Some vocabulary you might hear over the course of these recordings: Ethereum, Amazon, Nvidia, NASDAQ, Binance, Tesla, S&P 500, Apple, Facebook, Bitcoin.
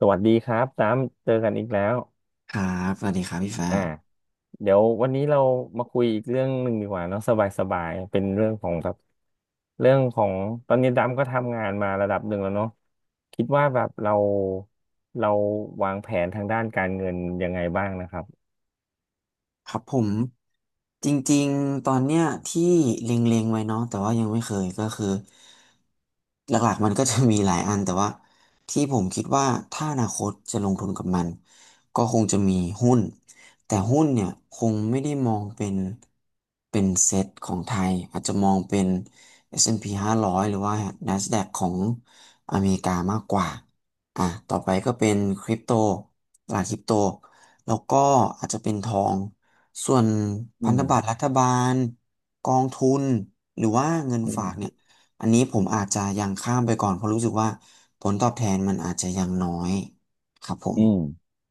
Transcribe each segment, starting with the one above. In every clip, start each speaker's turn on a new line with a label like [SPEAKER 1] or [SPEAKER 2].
[SPEAKER 1] สวัสดีครับตามเจอกันอีกแล้ว
[SPEAKER 2] ครับสวัสดีครับพี่ฟ้า
[SPEAKER 1] อ่าเดี๋ยววันนี้เรามาคุยอีกเรื่องหนึ่งดีกว่าเนาะสบายๆเป็นเรื่องของแบบเรื่องของตอนนี้ดำก็ทำงานมาระดับหนึ่งแล้วเนาะคิดว่าแบบเราเราวางแผนทางด้านการเงินยังไงบ้างนะครับ
[SPEAKER 2] ครับผม จริงๆ ตอนเนี้ยที่เล็งๆไว้เนาะแต่ว่ายังไม่เคยก็คือหลักๆมันก็จะมีหลายอันแต่ว่าที่ผมคิดว่าถ้าอนาคตจะลงทุนกับมันก็คงจะมีหุ้นแต่หุ้นเนี่ยคงไม่ได้มองเป็นเซตของไทยอาจจะมองเป็น S&P 500หารอยหรือว่า NASDAQ ของอเมริกามากกว่าอ่ะต่อไปก็เป็นคริปโตตลาดคริปโตแล้วก็อาจจะเป็นทอง ส่วน
[SPEAKER 1] อื
[SPEAKER 2] พันธ
[SPEAKER 1] ม
[SPEAKER 2] บัตรรัฐบาลกองทุนหรือว่าเงิน
[SPEAKER 1] อื
[SPEAKER 2] ฝา
[SPEAKER 1] ม
[SPEAKER 2] กเนี่ยอันนี้ผมอาจจะยังข้ามไปก่อนเพราะรู้สึกว่าผลตอบแทนมันอาจจะยังน้อยครับผม
[SPEAKER 1] อืม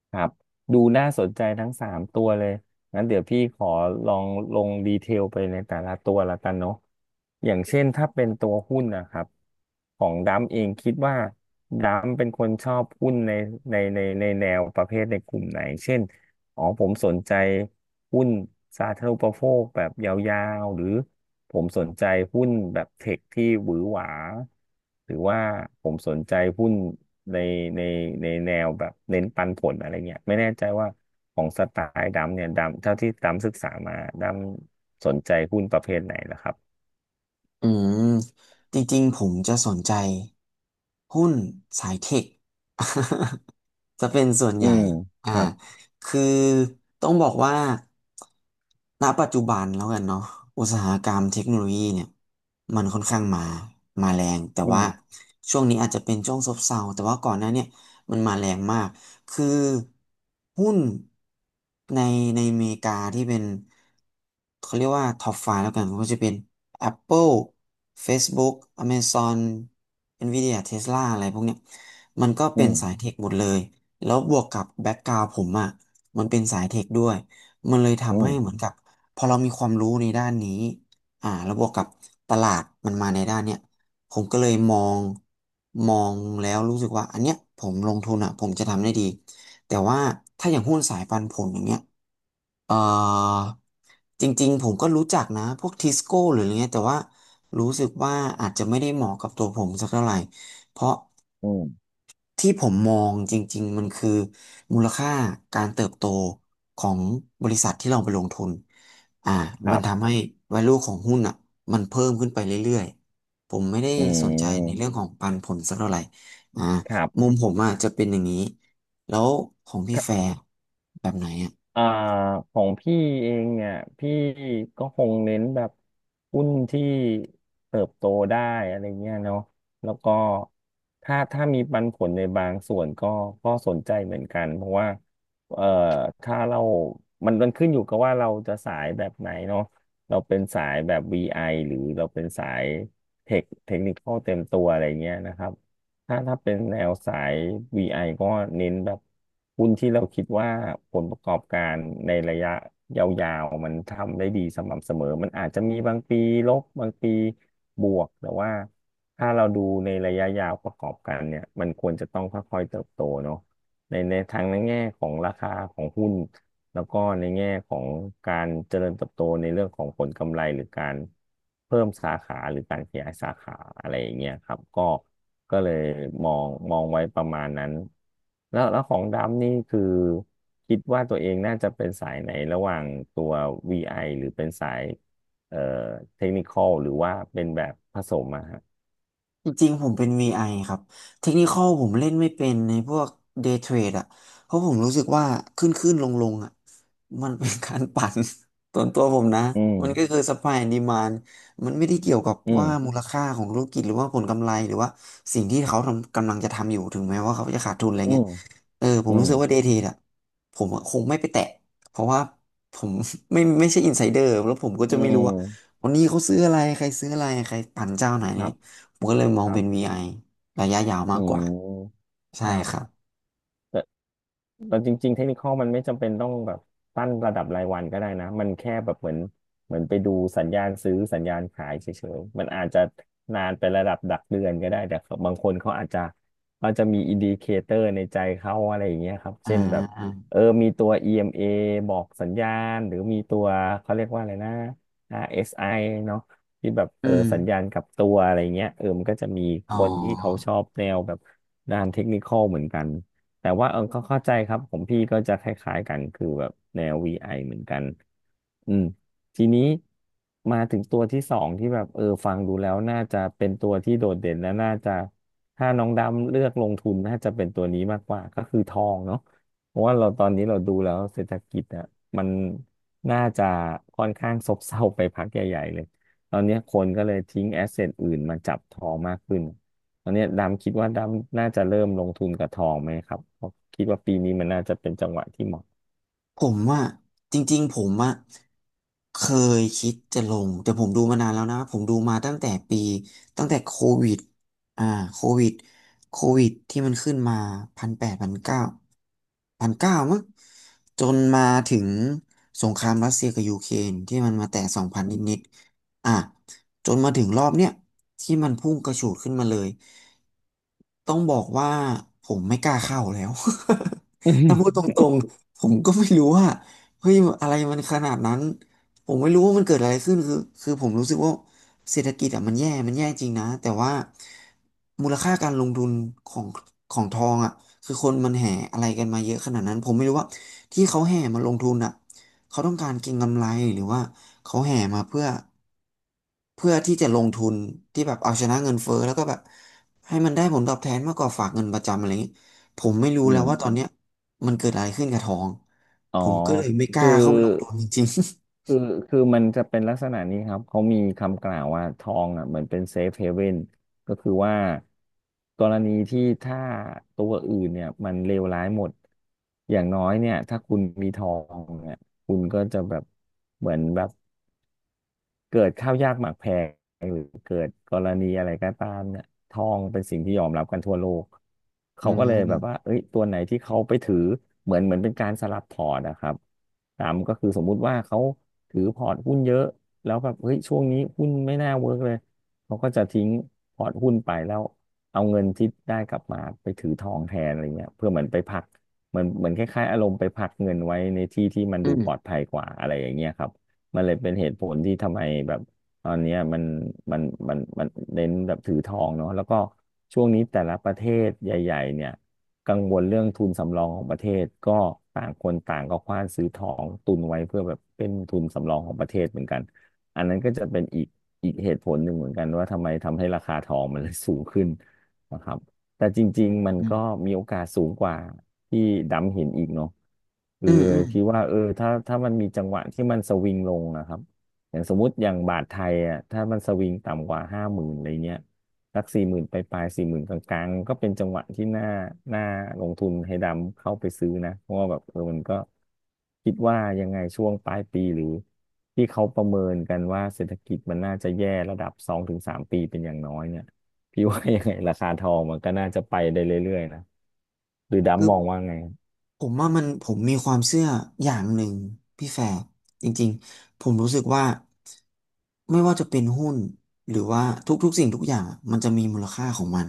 [SPEAKER 1] ครับดูน่าสนใจทั้งสามตัวเลยงั้นเดี๋ยวพี่ขอลองลงดีเทลไปในแต่ละตัวละกันเนาะอย่างเช่นถ้าเป็นตัวหุ้นนะครับของดัมเองคิดว่าดัมเป็นคนชอบหุ้นในในแนวประเภทในกลุ่มไหนเช่นอ๋อผมสนใจหุ้นสาธารณูปโภคแบบยาวๆหรือผมสนใจหุ้นแบบเทคที่หวือหวาหรือว่าผมสนใจหุ้น ในในในแนวแบบเน้นปันผลอะไรเงี้ยไม่แน่ใจว่าของสไตล์ดำเนี่ยดำเท่าที่ดำศึกษามาดำสนใจหุ้นประเภทไหนล่ะครับ
[SPEAKER 2] อืมจริงๆผมจะสนใจหุ้นสายเทค จะเป็นส่วนให
[SPEAKER 1] อื
[SPEAKER 2] ญ่
[SPEAKER 1] ม
[SPEAKER 2] อ่า
[SPEAKER 1] ครับ
[SPEAKER 2] คือต้องบอกว่าณปัจจุบันแล้วกันเนาะอุตสาหกรรมเทคโนโลยีเนี่ยมันค่อนข้างมาแรงแต่
[SPEAKER 1] อื
[SPEAKER 2] ว่า
[SPEAKER 1] ม
[SPEAKER 2] ช่วงนี้อาจจะเป็นช่วงซบเซาแต่ว่าก่อนหน้าเนี่ยมันมาแรงมาก คือหุ้นในในอเมริกาที่เป็นเขาเรียกว่าท็อปไฟว์แล้วกันมันก็จะเป็น Apple Facebook Amazon Nvidia Tesla อะไรพวกเนี้ยมันก็
[SPEAKER 1] อื
[SPEAKER 2] เป็น
[SPEAKER 1] ม
[SPEAKER 2] สายเทคหมดเลยแล้วบวกกับแบ็กกราวด์ผมอ่ะมันเป็นสายเทคด้วยมันเลย
[SPEAKER 1] อื
[SPEAKER 2] ทำให้
[SPEAKER 1] ม
[SPEAKER 2] เหมือนกับพอเรามีความรู้ในด้านนี้อ่าแล้วบวกกับตลาดมันมาในด้านเนี้ย ผมก็เลยมองแล้วรู้สึกว่าอันเนี้ยผมลงทุนอ่ะผมจะทำได้ดี แต่ว่าถ้าอย่างหุ้นสายปันผลอย่างเงี้ยเอ่อจริงๆผมก็รู้จักนะพวกทิสโก้หรืออะไรเงี้ยแต่ว่ารู้สึกว่าอาจจะไม่ได้เหมาะกับตัวผมสักเท่าไหร่เพราะ
[SPEAKER 1] อืม
[SPEAKER 2] ที่ผมมองจริงๆมันคือมูลค่าการเติบโตของบริษัทที่เราไปลงทุนอ่า
[SPEAKER 1] ค
[SPEAKER 2] มั
[SPEAKER 1] รั
[SPEAKER 2] นทำ
[SPEAKER 1] บ
[SPEAKER 2] ให้ value ของหุ้นอ่ะมันเพิ่มขึ้นไปเรื่อยๆผมไม่ได้
[SPEAKER 1] อื
[SPEAKER 2] สนใจในเรื่
[SPEAKER 1] ม
[SPEAKER 2] องของปันผลสักเท่าไหร่อ่า
[SPEAKER 1] ครั
[SPEAKER 2] มุ
[SPEAKER 1] บ
[SPEAKER 2] มผมอ่ะจะเป็นอย่างนี้แล้วของพี่แฟร์แบบไหนอ่ะ
[SPEAKER 1] อ่าของพี่เองเนี่ยพี่ก็คงเน้นแบบหุ้นที่เติบโตได้อะไรเงี้ยเนาะแล้วก็ถ้าถ้ามีปันผลในบางส่วนก็ก็สนใจเหมือนกันเพราะว่าเอ่อถ้าเรามันขึ้นอยู่กับว่าเราจะสายแบบไหนเนาะเราเป็นสายแบบ VI หรือเราเป็นสายเทคนิคอลเต็มตัวอะไรเงี้ยนะครับ ถ้าเป็นแนวสาย VI ก็เน้นแบบหุ้นที่เราคิดว่าผลประกอบการในระยะยาวๆมันทำได้ดีสม่ำเสมอมันอาจจะมีบางปีลบบางปีบวกแต่ว่าถ้าเราดูในระยะยาวประกอบกันเนี่ยมันควรจะต้องค่อยๆเติบโตเนาะในทางในแง่ของราคาของหุ้นแล้วก็ในแง่ของการเจริญเติบโตในเรื่องของผลกำไรหรือการเพิ่มสาขาหรือการขยายสาขาอะไรอย่างเงี้ยครับก็ ก็เลยมองไว้ประมาณนั้นแล้วของดำนี่คือคิดว่าตัวเองน่าจะเป็นสายไหนระหว่างตัว VI หรือเป็นสายเอ่อเทคนิคอลหรือว่าเป็นแบบผสมอะฮะ
[SPEAKER 2] จริงๆผมเป็น VI ครับเทคนิคอลผมเล่นไม่เป็นในพวก Day Trade อ่ะเพราะผมรู้สึกว่าขึ้นขึ้นลงลงๆอ่ะมันเป็นการปั่น ส่วนตัวผมนะ
[SPEAKER 1] อืม
[SPEAKER 2] มันก็คือ supply and demand มันไม่ได้เกี่ยวกับ
[SPEAKER 1] อื
[SPEAKER 2] ว่ามู
[SPEAKER 1] ม
[SPEAKER 2] ลค่าของธุรกิจหรือว่าผลกำไรหรือว่าสิ่งที่เขาทำกำลังจะทำอยู่ถึงแม้ว่าเขาจะขาดทุนอะไร
[SPEAKER 1] อื
[SPEAKER 2] เงี้ย
[SPEAKER 1] ม
[SPEAKER 2] เออผม
[SPEAKER 1] อื
[SPEAKER 2] รู้
[SPEAKER 1] ม
[SPEAKER 2] สึกว่า Day Trade อ่ะผมอะคงไม่ไปแตะเพราะว่าผม ไม่ ไม่ใช่ insider แล้วผมก็
[SPEAKER 1] อื
[SPEAKER 2] จะไม่รู้ว่า
[SPEAKER 1] ม
[SPEAKER 2] วันนี้เขาซื้ออะไรใครซื้ออะไรใครปั่นเจ้าไหน
[SPEAKER 1] ครับ
[SPEAKER 2] ผมก็เลยมอ
[SPEAKER 1] ค
[SPEAKER 2] ง
[SPEAKER 1] รั
[SPEAKER 2] เป็น
[SPEAKER 1] บ
[SPEAKER 2] VI ระยะยาว
[SPEAKER 1] อื
[SPEAKER 2] มากกว่า
[SPEAKER 1] ม
[SPEAKER 2] ใช่
[SPEAKER 1] ครั
[SPEAKER 2] ครับ
[SPEAKER 1] บ เราจริงๆเทคนิคอลมันไม่จำเป็นต้องแบบตั้งระดับรายวันก็ได้นะ มันแค่แบบเหมือนไปดูสัญญาณซื้อสัญญาณขายเฉยๆมันอาจจะนานไประดับดักเดือนก็ได้แต่บางคนเขาอาจจะเขาจะมีอินดิเคเตอร์ในใจเขาอะไรอย่างเงี้ยครับ
[SPEAKER 2] อ่า
[SPEAKER 1] เช่นแบบ
[SPEAKER 2] อา
[SPEAKER 1] เออมีตัว EMA บอกสัญญาณหรือมีตัวเขาเรียกว่าอะไรนะ RSI เอสไอเนาะที่แบบ
[SPEAKER 2] อื
[SPEAKER 1] เออ
[SPEAKER 2] ม
[SPEAKER 1] สัญญาณกลับตัวอะไรเงี้ยเออมันก็จะมี
[SPEAKER 2] อ๋อ
[SPEAKER 1] คนที่เขาชอบแนวแบบด้านเทคนิคอลเหมือนกัน แต่ว่าเออเขาเข้าใจครับของพี่ก็จะคล้ายๆกันคือแบบแนว VI เหมือนกันอืมทีนี้มาถึงตัวที่สองที่แบบเออฟังดูแล้วน่าจะเป็นตัวที่โดดเด่นและน่าจะถ้าน้องดำเลือกลงทุนน่าจะเป็นตัวนี้มากกว่าก็คือทองเนาะเพราะว่าเราตอนนี้เราดูแล้วเศรษฐกิจอะมันน่าจะค่อนข้างซบเซาไปพักใหญ่ๆเลยตอนนี้คนก็เลยทิ้งแอสเซทอื่นมาจับทองมากขึ้น ตอนเนี้ยดำคิดว่าดำน่าจะเริ่มลงทุนกับทองไหมครับเพราะคิดว่าปีนี้มันน่าจะเป็นจังหวะที่เหมาะ
[SPEAKER 2] ผมว่าจริงๆผมอะเคยคิดจะลงแต่ผมดูมานานแล้วนะผมดูมาตั้งแต่ปีตั้งแต่โควิดอ่าโควิดโควิดที่มันขึ้นมา1,800 1,900พันเก้ามั้งจนมาถึงสงครามรัสเซียกับยูเครนที่มันมาแตะ2,000นิดๆอ่ะจนมาถึงรอบเนี้ยที่มันพุ่งกระฉูดขึ้นมาเลยต้องบอกว่าผมไม่กล้าเข้าแล้ว
[SPEAKER 1] อื
[SPEAKER 2] ถ้าพูด
[SPEAKER 1] ม
[SPEAKER 2] ตรง ผมก็ไม่รู้ว่าเฮ้ยอะไรมันขนาดนั้นผมไม่รู้ว่ามันเกิดอะไรขึ้นคือผมรู้สึกว่าเศรษฐกิจอ่ะมันแย่มันแย่จริงนะแต่ว่ามูลค่าการลงทุนของของทองอ่ะคือคนมันแห่อะไรกันมาเยอะขนาดนั้นผมไม่รู้ว่าที่เขาแห่มาลงทุนอ่ะเขาต้องการเก็งกำไรหรือว่าเขาแห่มาเพื่อ เพื่อที่จะลงทุนที่แบบเอาชนะเงินเฟ้อแล้วก็แบบให้มันได้ผลตอบแทนมากกว่าฝากเงินประจำอะไรเงี้ยผมไม่รู้
[SPEAKER 1] อ
[SPEAKER 2] แล้ว
[SPEAKER 1] ม
[SPEAKER 2] ว่าตอนเนี้ยมันเกิดอะไรขึ้นกับทอง
[SPEAKER 1] อ๋อ
[SPEAKER 2] ผมก็เลยไม่กล้า
[SPEAKER 1] คือ
[SPEAKER 2] เข้าไปลงทุนจริง
[SPEAKER 1] คือ คือมันจะเป็นลักษณะนี้ครับเขามีคำกล่าวว่าทองอ่ะเหมือนเป็นเซฟเฮเว่นก็คือว่ากรณีที่ถ้าตัวอื่นเนี่ยมันเลวร้ายหมดอย่างน้อยเนี่ยถ้าคุณมีทองเนี่ยคุณก็จะแบบเหมือนแบบ เกิดข้าวยากหมากแพงหรือเกิดกรณีอะไรก็ตามเนี่ยทองเป็นสิ่งที่ยอมรับกันทั่วโลก
[SPEAKER 2] ๆ
[SPEAKER 1] เขาก็เลย
[SPEAKER 2] ม
[SPEAKER 1] แบบว่าเอ้ยตัวไหนที่เขาไปถือเหมือนเป็นการสลับพอร์ตนะครับตามก็คือสมมุติว่าเขาถือพอร์ตหุ้นเยอะแล้วแบบเฮ้ยช่วงนี้หุ้นไม่น่าเวิร์กเลยเขาก็จะทิ้งพอร์ตหุ้นไปแล้วเอาเงินที่ได้กลับมาไปถือทองแทนอะไรเงี้ยเพื่อเหมือนไปพักเหมือนคล้ายๆอารมณ์ไปพักเงินไว้ในที่ที่มัน
[SPEAKER 2] อื
[SPEAKER 1] ดูปลอด
[SPEAKER 2] ม
[SPEAKER 1] ภัยกว่าอะไรอย่างเงี้ยครับ มันเลยเป็นเหตุผลที่ทำไมแบบตอนเนี้ยมันมันเน้นแบบถือทองเนาะแล้วก็ช่วงนี้แต่ละประเทศใหญ่ๆเนี่ยกังวลเรื่องทุนสำรองของประเทศก็ต่างคนต่างก็คว้านซื้อทองตุนไว้เพื่อแบบเป็นทุนสำรองของประเทศเหมือนกันอันนั้นก็จะเป็นอีกเหตุผลหนึ่งเหมือนกันว่าทำไมทำให้ราคาทองมันเลยสูงขึ้นนะครับแต่จริงๆมัน
[SPEAKER 2] อื
[SPEAKER 1] ก็
[SPEAKER 2] ม
[SPEAKER 1] มีโอกาสสูงกว่า ที่ดำเห็นอีกเนาะคื
[SPEAKER 2] อื
[SPEAKER 1] อ
[SPEAKER 2] มอืม
[SPEAKER 1] คิดว่าเออถ้ามันมีจังหวะที่มันสวิงลงนะครับอย่างสมมติอย่างบาทไทยอ่ะถ้ามันสวิงต่ำกว่าห้าหมื่นอะไรเงี้ยสักสี่หมื่นไปปลายสี่หมื่นกลางๆก็เป็นจังหวะที่น่าลงทุนให้ดำเข้าไปซื้อนะเพราะว่าแบบเออมันก็คิดว่ายังไงช่วงปลายปีหรือที่เขาประเมินกันว่าเศรษฐกิจมันน่าจะแย่ระดับสองถึงสามปีเป็นอย่างน้อยเนี่ยพี่ว่ายังไงราคาทองมันก็น่าจะไปได้เรื่อยๆนะ หรือ
[SPEAKER 2] คือ
[SPEAKER 1] ดำมองว่าไง
[SPEAKER 2] ผมว่ามันผมมีความเชื่ออย่างหนึ่งพี่แฟร์จริงๆผมรู้สึกว่าไม่ว่าจะเป็นหุ้นหรือว่าทุกๆสิ่งทุกอย่างมันจะมีมูลค่าของมัน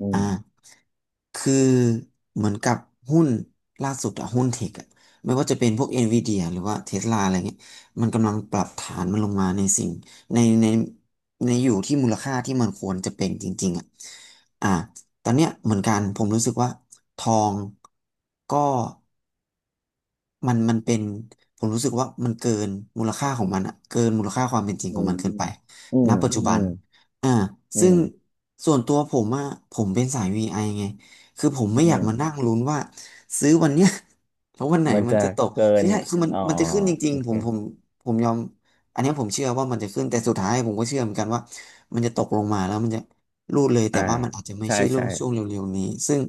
[SPEAKER 1] อื
[SPEAKER 2] อ่
[SPEAKER 1] ม
[SPEAKER 2] าคือเหมือนกับหุ้นล่าสุดอะหุ้นเทคอะไม่ว่าจะเป็นพวกเอ็นวีดีหรือว่าเทสลาอะไรเงี้ยมันกำลังปรับฐานมันลงมาในสิ่งในในอยู่ที่มูลค่าที่มันควรจะเป็นจริงๆอะอ่าตอนเนี้ยเหมือนกันผมรู้สึกว่าทองก็ มันเป็นผมรู้สึกว่ามันเกินมูลค่าของมันอะเกินมูลค่าความเป็นจริง
[SPEAKER 1] อื
[SPEAKER 2] ของ
[SPEAKER 1] ม
[SPEAKER 2] มันเกิ
[SPEAKER 1] อื
[SPEAKER 2] นไป
[SPEAKER 1] มอื
[SPEAKER 2] ณ
[SPEAKER 1] ม
[SPEAKER 2] ปัจจุ
[SPEAKER 1] อื
[SPEAKER 2] บันอ่า
[SPEAKER 1] ม
[SPEAKER 2] ซึ่งส่วนตัวผมอะผมเป็นสาย VI ไอไงคือผมไม่อ
[SPEAKER 1] อื
[SPEAKER 2] ยาก
[SPEAKER 1] ม
[SPEAKER 2] มานั่งลุ้นว่าซื้อวันเนี้ย แล้ววันไหน
[SPEAKER 1] มัน
[SPEAKER 2] มัน
[SPEAKER 1] จะ
[SPEAKER 2] จะตก
[SPEAKER 1] เกิ
[SPEAKER 2] คือ
[SPEAKER 1] น
[SPEAKER 2] ใช่คือมัน
[SPEAKER 1] อ๋อ
[SPEAKER 2] มันจะขึ้นจริ
[SPEAKER 1] โอ
[SPEAKER 2] งๆผ
[SPEAKER 1] เค
[SPEAKER 2] มผมผมยอมอันเนี้ยผมเชื่อว่ามันจะขึ้นแต่สุดท้ายผมก็เชื่อเหมือนกันว่ามันจะตกลงมาแล้วมันจะรูดเลยแต่
[SPEAKER 1] อ่า
[SPEAKER 2] ว่ามันอาจจะไม่
[SPEAKER 1] ใช่
[SPEAKER 2] ใช่
[SPEAKER 1] ใช่
[SPEAKER 2] ช่วงเร็วๆนี้ซึ่ง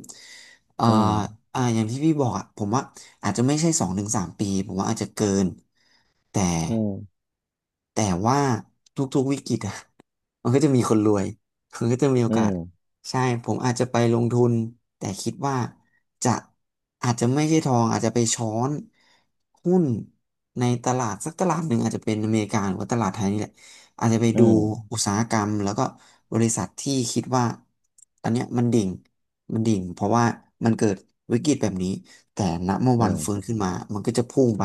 [SPEAKER 2] เอ่อ
[SPEAKER 1] อืม
[SPEAKER 2] อ่าอย่างที่พี่บอกอ่ะผมว่าอาจจะไม่ใช่สองถึงสามปีผมว่าอาจจะเกิน แต่
[SPEAKER 1] อืม
[SPEAKER 2] แต่ว่าทุกๆวิกฤตอะ มันก็จะมีคนรวยมันก็จะมีโอ
[SPEAKER 1] อื
[SPEAKER 2] กาส
[SPEAKER 1] ม
[SPEAKER 2] ใช่ผมอาจจะไปลงทุนแต่คิดว่าจะอาจจะไม่ใช่ทองอาจจะไปช้อนหุ้นในตลาดสักตลาดหนึ่งอาจจะเป็นอเมริกาหรือว่าตลาดไทยนี่แหละอาจจะไป
[SPEAKER 1] อื
[SPEAKER 2] ดู
[SPEAKER 1] ม
[SPEAKER 2] อุตสาหกรรมแล้วก็บริษัทที่คิดว่าตอนเนี้ยมันดิ่งมันดิ่งเพราะว่ามันเกิดวิกฤตแบบนี้แต่ณเมื่อ
[SPEAKER 1] อื
[SPEAKER 2] วันฟื้น
[SPEAKER 1] ม
[SPEAKER 2] ขึ้นมามันก็จะพุ่งไป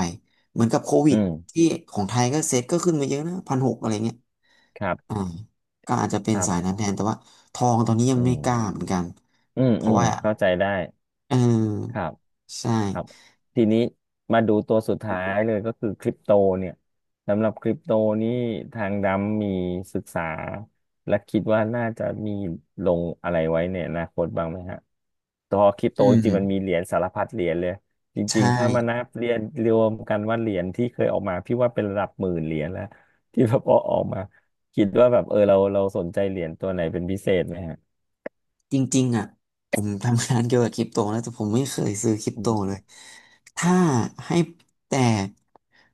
[SPEAKER 2] เหมือนกับโควิ
[SPEAKER 1] อื
[SPEAKER 2] ด
[SPEAKER 1] ม
[SPEAKER 2] ที่ของไทยก็เซ็ตก็ขึ้นมาเยอะนะพันหกอะไรเงี้ย
[SPEAKER 1] ครับ
[SPEAKER 2] อ่าก็อาจจะเป็
[SPEAKER 1] ค
[SPEAKER 2] น
[SPEAKER 1] รั
[SPEAKER 2] สายนั้
[SPEAKER 1] บ
[SPEAKER 2] นแทนแต่ว่าทองตอนนี้ยัง
[SPEAKER 1] อื
[SPEAKER 2] ไม่
[SPEAKER 1] ม
[SPEAKER 2] กล้าเหมือนกัน
[SPEAKER 1] อืม
[SPEAKER 2] เพ
[SPEAKER 1] อื
[SPEAKER 2] ราะ
[SPEAKER 1] ม
[SPEAKER 2] ว่า
[SPEAKER 1] เข้าใจได้
[SPEAKER 2] เ
[SPEAKER 1] ค
[SPEAKER 2] ออ
[SPEAKER 1] รับ
[SPEAKER 2] ใช่
[SPEAKER 1] ครับทีนี้มาดูตัวสุดท้ายเลยก็คือคริปโตเนี่ยสำหรับคริปโตนี่ทางดำมีศึกษาและคิดว่าน่าจะมีลงอะไรไว้ในอนาคตบ้างไหมฮะตัวคริปโต
[SPEAKER 2] อื
[SPEAKER 1] จริงๆมันมีเห
[SPEAKER 2] ม
[SPEAKER 1] รียญสารพัดเหรียญเลยจริ
[SPEAKER 2] ใช่
[SPEAKER 1] งๆถ้ามานับเหรียญรวมกันว่าเหรียญที่เคยออกมาพี่ว่าเป็นระดับหมื่นเหรียญแล้วที่แบบอออกมาคิดว่าแบบเออเราสนใจเหรียญตัวไหนเป็นพิเศษไหมฮะ
[SPEAKER 2] จริงๆอ่ะผมทำงานเกี่ยวกับคริปโตนะแต่ผมไม่เคยซื้อคริป
[SPEAKER 1] อื
[SPEAKER 2] โตเล
[SPEAKER 1] ม
[SPEAKER 2] ยถ้าให้แต่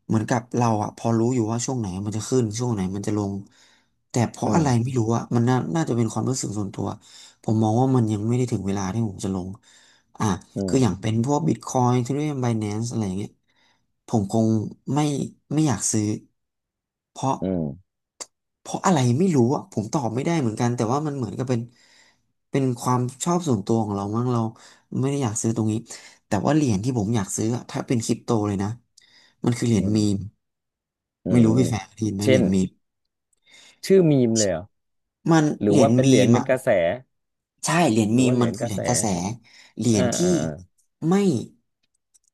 [SPEAKER 2] เหมือนกับเราอ่ะพอรู้อยู่ว่าช่วงไหนมันจะขึ้นช่วงไหนมันจะลงแต่เพ
[SPEAKER 1] อื
[SPEAKER 2] ราะอะไร
[SPEAKER 1] ม
[SPEAKER 2] ไม่รู้อ่ะมันน่าจะเป็นความรู้สึกส่วนตัวผมมองว่ามันยังไม่ได้ถึงเวลาที่ผมจะลง อ่า
[SPEAKER 1] อื
[SPEAKER 2] คืออย่าง
[SPEAKER 1] ม
[SPEAKER 2] เป็นพวก Bitcoin Ethereum Binance อะไรอย่างเงี้ยผมคงไม่ไม่อยากซื้อเพราะ
[SPEAKER 1] อืม
[SPEAKER 2] เพราะอะไรไม่รู้อ่ะผมตอบไม่ได้เหมือนกันแต่ว่ามันเหมือนกับเป็นความชอบส่วนตัวของเรามั้งเราไม่ได้อยากซื้อตรงนี้แต่ว่าเหรียญที่ผมอยากซื้ออะถ้าเป็นคริปโตเลยนะมันคือเหรียญ
[SPEAKER 1] อื
[SPEAKER 2] มีม
[SPEAKER 1] มอื
[SPEAKER 2] ไม่
[SPEAKER 1] ม
[SPEAKER 2] รู้พี่แฟร์ได้ยินไหม
[SPEAKER 1] เช่
[SPEAKER 2] เหรีย
[SPEAKER 1] น
[SPEAKER 2] ญมีม
[SPEAKER 1] ชื่อมีมเลยเหรอ
[SPEAKER 2] มัน
[SPEAKER 1] หรือ
[SPEAKER 2] เหรีย
[SPEAKER 1] ว่า
[SPEAKER 2] ญ
[SPEAKER 1] เป็นเห
[SPEAKER 2] มี
[SPEAKER 1] รียญ
[SPEAKER 2] ม
[SPEAKER 1] ใน
[SPEAKER 2] อ่ะ
[SPEAKER 1] กระแส
[SPEAKER 2] ใช่เหรียญ
[SPEAKER 1] หรือ
[SPEAKER 2] มีม
[SPEAKER 1] ว่าเหรี
[SPEAKER 2] มัน
[SPEAKER 1] ยญ
[SPEAKER 2] คื
[SPEAKER 1] ก
[SPEAKER 2] อเห
[SPEAKER 1] ระ
[SPEAKER 2] รีย
[SPEAKER 1] แส
[SPEAKER 2] ญกระแสเหรี
[SPEAKER 1] อ่า
[SPEAKER 2] ยญที่
[SPEAKER 1] อ่าอา
[SPEAKER 2] ไม่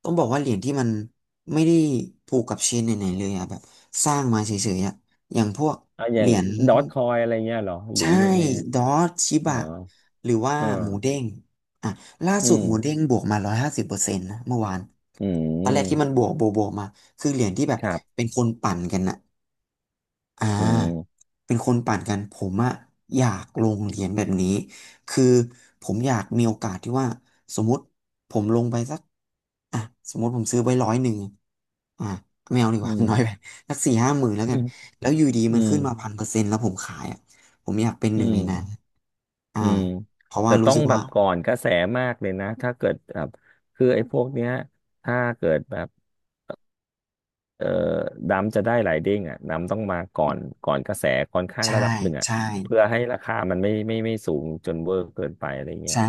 [SPEAKER 2] ต้องบอกว่าเหรียญที่มันไม่ได้ผูกกับเชนไหนๆเลยอะแบบสร้างมาเฉยๆอะอย่างพวก
[SPEAKER 1] เอ่าอ
[SPEAKER 2] เห
[SPEAKER 1] ย่า
[SPEAKER 2] รี
[SPEAKER 1] ง
[SPEAKER 2] ยญ
[SPEAKER 1] ดอ g คอยอะไรเงี้ยเหรอหรือ
[SPEAKER 2] ใช่
[SPEAKER 1] ยังไงฮะ
[SPEAKER 2] ดอทชิ
[SPEAKER 1] อ๋อ
[SPEAKER 2] บะหรือว่า
[SPEAKER 1] เออ
[SPEAKER 2] หมูเด้งอ่ะล่า
[SPEAKER 1] อื
[SPEAKER 2] สุด
[SPEAKER 1] ม
[SPEAKER 2] หมูเด้งบวกมา150%นะเมื่อวาน
[SPEAKER 1] อื
[SPEAKER 2] ตอนแรกที่มัน
[SPEAKER 1] ม
[SPEAKER 2] บวกบวกมาคือเหรียญที่แบบ
[SPEAKER 1] ครั
[SPEAKER 2] เป็
[SPEAKER 1] บ
[SPEAKER 2] นคนปั่นกันอะ อ่า
[SPEAKER 1] อืม
[SPEAKER 2] เป็นคนปั่นกันผมอะอยากลงเหรียญแบบนี้คือผมอยากมีโอกาสที่ว่าสมมติผมลงไปสักอ่ะสมมติผมซื้อไว้ร้อยหนึ่งอ่ะไม่เอาดีก
[SPEAKER 1] อื
[SPEAKER 2] ว่า
[SPEAKER 1] ม
[SPEAKER 2] น้อยไปสักสี่ห้าหมื่นแล้ว
[SPEAKER 1] อื
[SPEAKER 2] กัน
[SPEAKER 1] ม
[SPEAKER 2] แล้วอยู่ดี
[SPEAKER 1] อื
[SPEAKER 2] มัน
[SPEAKER 1] ม
[SPEAKER 2] ขึ้นมา1000%แล้วผมขายอ่ะผมอยากเป็นห
[SPEAKER 1] อื
[SPEAKER 2] นึ่งในนั้น
[SPEAKER 1] ม
[SPEAKER 2] อ่า
[SPEAKER 1] อืม
[SPEAKER 2] เพราะ
[SPEAKER 1] แต่
[SPEAKER 2] ว่ารู้
[SPEAKER 1] ต้อง
[SPEAKER 2] สึก
[SPEAKER 1] แบ
[SPEAKER 2] ว่า
[SPEAKER 1] บก่อนกระแสมากเลยนะถ้าเกิดแบบคือไอ้พวกเนี้ยถ้าเกิดแบบเอ่อดำจะได้หลายเด้งอ่ะดำต้องมาก่อนก่อนกระแสค่อนข้างระ
[SPEAKER 2] ใช่
[SPEAKER 1] ดับหนึ่งอ่ะ
[SPEAKER 2] ใช่
[SPEAKER 1] เพื่อให้ราคามันไม่สูงจนเวอร์เกินไปอะไรเงี้ย
[SPEAKER 2] ใช่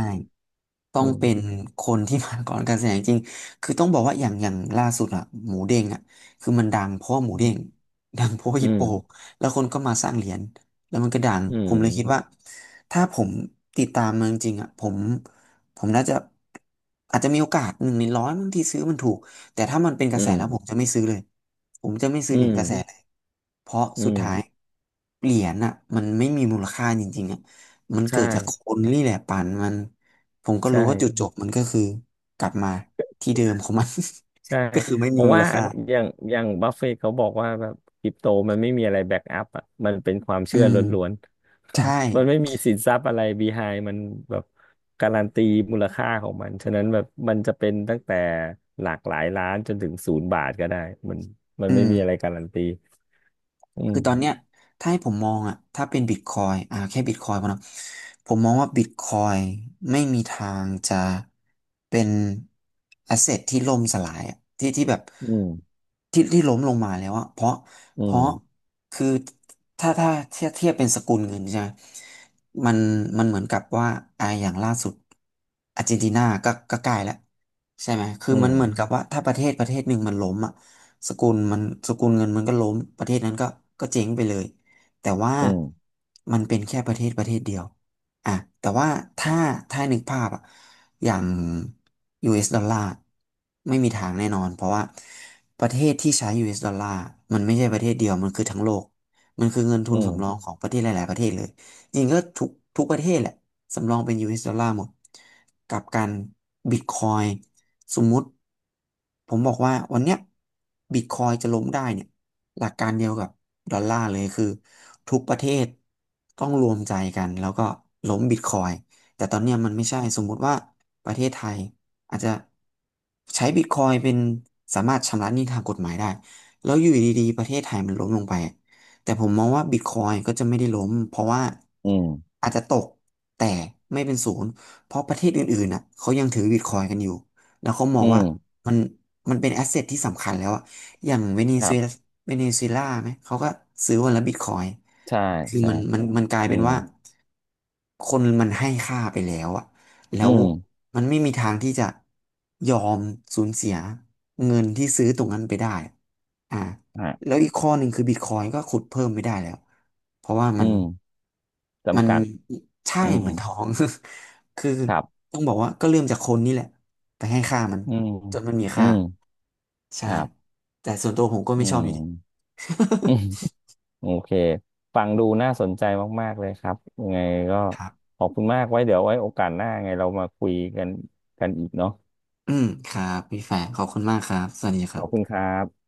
[SPEAKER 2] ต้
[SPEAKER 1] อื
[SPEAKER 2] องเป็น
[SPEAKER 1] ม
[SPEAKER 2] คนที่มาก่อนการแสดงจริง คือต้องบอกว่าอย่างล่าสุดอะหมูเด้งอะคือมันดังเพราะว่าหมู
[SPEAKER 1] อื
[SPEAKER 2] เด้ง
[SPEAKER 1] ม
[SPEAKER 2] ดังเพราะว่า
[SPEAKER 1] อื
[SPEAKER 2] ฮิปโป
[SPEAKER 1] ม
[SPEAKER 2] แล้วคนก็มาสร้างเหรียญแล้วมันก็ดังผมเลยคิดว่าถ้าผมติดตามมันจริงๆอะผมน่าจะอาจจะมีโอกาสหนึ่งในร้อยบางที่ซื้อมันถูกแต่ถ้ามันเป็นก
[SPEAKER 1] อื
[SPEAKER 2] ระแส
[SPEAKER 1] ม
[SPEAKER 2] แล้วผมจะไม่ซื้อเลยผมจะไม่ซื้อ
[SPEAKER 1] อื
[SPEAKER 2] เหรียญ
[SPEAKER 1] ม
[SPEAKER 2] กระแสเลยเพราะ
[SPEAKER 1] อื
[SPEAKER 2] สุด
[SPEAKER 1] มอืม
[SPEAKER 2] ท้ายเหรียญอะมันไม่มีมูลค่าจริงๆอะมันเกิ
[SPEAKER 1] ใช่
[SPEAKER 2] ดจากคนนี่แหละปั่นมัน ผมก็
[SPEAKER 1] ใช่
[SPEAKER 2] รู้ว่าจุดจบมันก็คือกลับมาที่เดิมของมัน
[SPEAKER 1] ใช่
[SPEAKER 2] ก็คือไม่
[SPEAKER 1] เพ
[SPEAKER 2] มี
[SPEAKER 1] ราะ
[SPEAKER 2] มู
[SPEAKER 1] ว่า
[SPEAKER 2] ลค่า
[SPEAKER 1] อย่างอย่างบัฟเฟตเขาบอกว่าแบบคริปโตมันไม่มีอะไรแบ็กอัพอ่ะมันเป็นความ
[SPEAKER 2] อื
[SPEAKER 1] เชื่อ
[SPEAKER 2] ม
[SPEAKER 1] ล้วนๆ
[SPEAKER 2] ใช่
[SPEAKER 1] มันไม่มีสินทรัพย์อะไรบีไฮมันแบบการันตีมูลค่าของมันฉะนั้นแบบมันจะเป็นตั้งแต่หลากหลายล้านจนถึงศูนย์บาทก็ได้มันมัน
[SPEAKER 2] อื
[SPEAKER 1] ไม่
[SPEAKER 2] ม
[SPEAKER 1] มีอะไรการันตีอื
[SPEAKER 2] คื
[SPEAKER 1] ม
[SPEAKER 2] อตอนเนี้ยถ้าให้ผมมองอ่ะถ้าเป็นบิตคอยอ่าแค่บิตคอยพอเนอะผมมองว่าบิตคอยไม่มีทางจะเป็นแอสเซทที่ล่มสลายอะที่แบบ
[SPEAKER 1] อืม
[SPEAKER 2] ที่ล้มลงมาแล้วอะเพราะ
[SPEAKER 1] อื
[SPEAKER 2] เพราะ
[SPEAKER 1] ม
[SPEAKER 2] คือถ้าเทียบเป็นสกุลเงินใช่ไหมมันมันเหมือนกับว่าอ่าอย่างล่าสุดอาร์เจนตินาก็ใกล้แล้วใช่ไหมคือ
[SPEAKER 1] อื
[SPEAKER 2] มัน
[SPEAKER 1] ม
[SPEAKER 2] เหมือนกับว่าถ้าประเทศหนึ่งมันล้มอ่ะ สกุลมันสกุลเงินมันก็ล้มประเทศนั้นก็ก็เจ๊งไปเลยแต่ว่า
[SPEAKER 1] อืม
[SPEAKER 2] มันเป็นแค่ประเทศเดียวอ่ะแต่ว่าถ้าถ้านึกภาพอ่ะอย่าง US ดอลลาร์ไม่มีทางแน่นอนเพราะว่าประเทศที่ใช้ US ดอลลาร์มันไม่ใช่ประเทศเดียวมันคือทั้งโลกมันคือเงินทุ
[SPEAKER 1] อื
[SPEAKER 2] นสำรอง
[SPEAKER 1] ม
[SPEAKER 2] ของประเทศหลายๆประเทศเลยจริงก็ทุกประเทศแหละสำรองเป็น US ดอลลาร์หมดกับการบิตคอย สมมุติผมบอกว่าวันเนี้ยบิตคอยจะล้มได้เนี่ยหลักการเดียวกับดอลลาร์เลยคือทุกประเทศต้องรวมใจกันแล้วก็ล้มบิตคอยแต่ตอนเนี้ยมันไม่ใช่สมมุติว่าประเทศไทยอาจจะใช้บิตคอยเป็นสามารถชำระหนี้ทางกฎหมายได้แล้วอยู่ดีๆประเทศไทยมันล้มลงไปแต่ผมมองว่าบิตคอยก็จะไม่ได้ล้มเพราะว่า
[SPEAKER 1] อืม
[SPEAKER 2] อาจจะตกแต่ไม่เป็นศูนย์เพราะประเทศอื่นๆน่ะเขายังถือบิตคอยกันอยู่ แล้วเขามอ
[SPEAKER 1] อื
[SPEAKER 2] งว่า
[SPEAKER 1] ม
[SPEAKER 2] มันมันเป็นแอสเซทที่สำคัญแล้วอะอย่างเวเน
[SPEAKER 1] ค
[SPEAKER 2] ซุ
[SPEAKER 1] รั
[SPEAKER 2] เอลา
[SPEAKER 1] บ
[SPEAKER 2] เวเนซุเอลาไหมเขาก็ซื้อวันละบิตคอยน์
[SPEAKER 1] ใช่
[SPEAKER 2] คือ
[SPEAKER 1] ใช่
[SPEAKER 2] มันมันกลาย
[SPEAKER 1] อื
[SPEAKER 2] เป็น
[SPEAKER 1] ม
[SPEAKER 2] ว่า คนมันให้ค่าไปแล้วอะแล้
[SPEAKER 1] อื
[SPEAKER 2] ว
[SPEAKER 1] ม
[SPEAKER 2] มันไม่มีทางที่จะยอมสูญเสียเงินที่ซื้อตรงนั้นไปได้อ่า
[SPEAKER 1] ฮะ
[SPEAKER 2] แล้วอีกข้อหนึ่งคือบิตคอยก็ขุดเพิ่มไม่ได้แล้ว เพราะว่ามั
[SPEAKER 1] อื
[SPEAKER 2] น
[SPEAKER 1] ม
[SPEAKER 2] มัน
[SPEAKER 1] จำกัด
[SPEAKER 2] ใช่
[SPEAKER 1] อื
[SPEAKER 2] เห
[SPEAKER 1] ม
[SPEAKER 2] มือนทอง คือ
[SPEAKER 1] ครับ
[SPEAKER 2] ต้องบอกว่าก็เริ่มจากคนนี่แหละไปให้ค่ามัน
[SPEAKER 1] อืม
[SPEAKER 2] จนมันมี
[SPEAKER 1] อื
[SPEAKER 2] ค่า
[SPEAKER 1] ม
[SPEAKER 2] ใช่
[SPEAKER 1] ครับ
[SPEAKER 2] แต่ส่วนตัวผมก็
[SPEAKER 1] อื
[SPEAKER 2] ไม่ชอบ
[SPEAKER 1] ม
[SPEAKER 2] อยู่ดี
[SPEAKER 1] อืม โอเคฟังดูน่าสนใจมากๆเลยครับยังไงก็
[SPEAKER 2] ครับ
[SPEAKER 1] ขอบคุณมากไว้เดี๋ยวไว้โอกาสหน้าไงเรามาคุยกันกันอีกเนาะ
[SPEAKER 2] อืมครับพี่แฟร์ขอบคุณมากครับ สวัสดีค
[SPEAKER 1] ข
[SPEAKER 2] รั
[SPEAKER 1] อบคุณ
[SPEAKER 2] บ
[SPEAKER 1] ครับ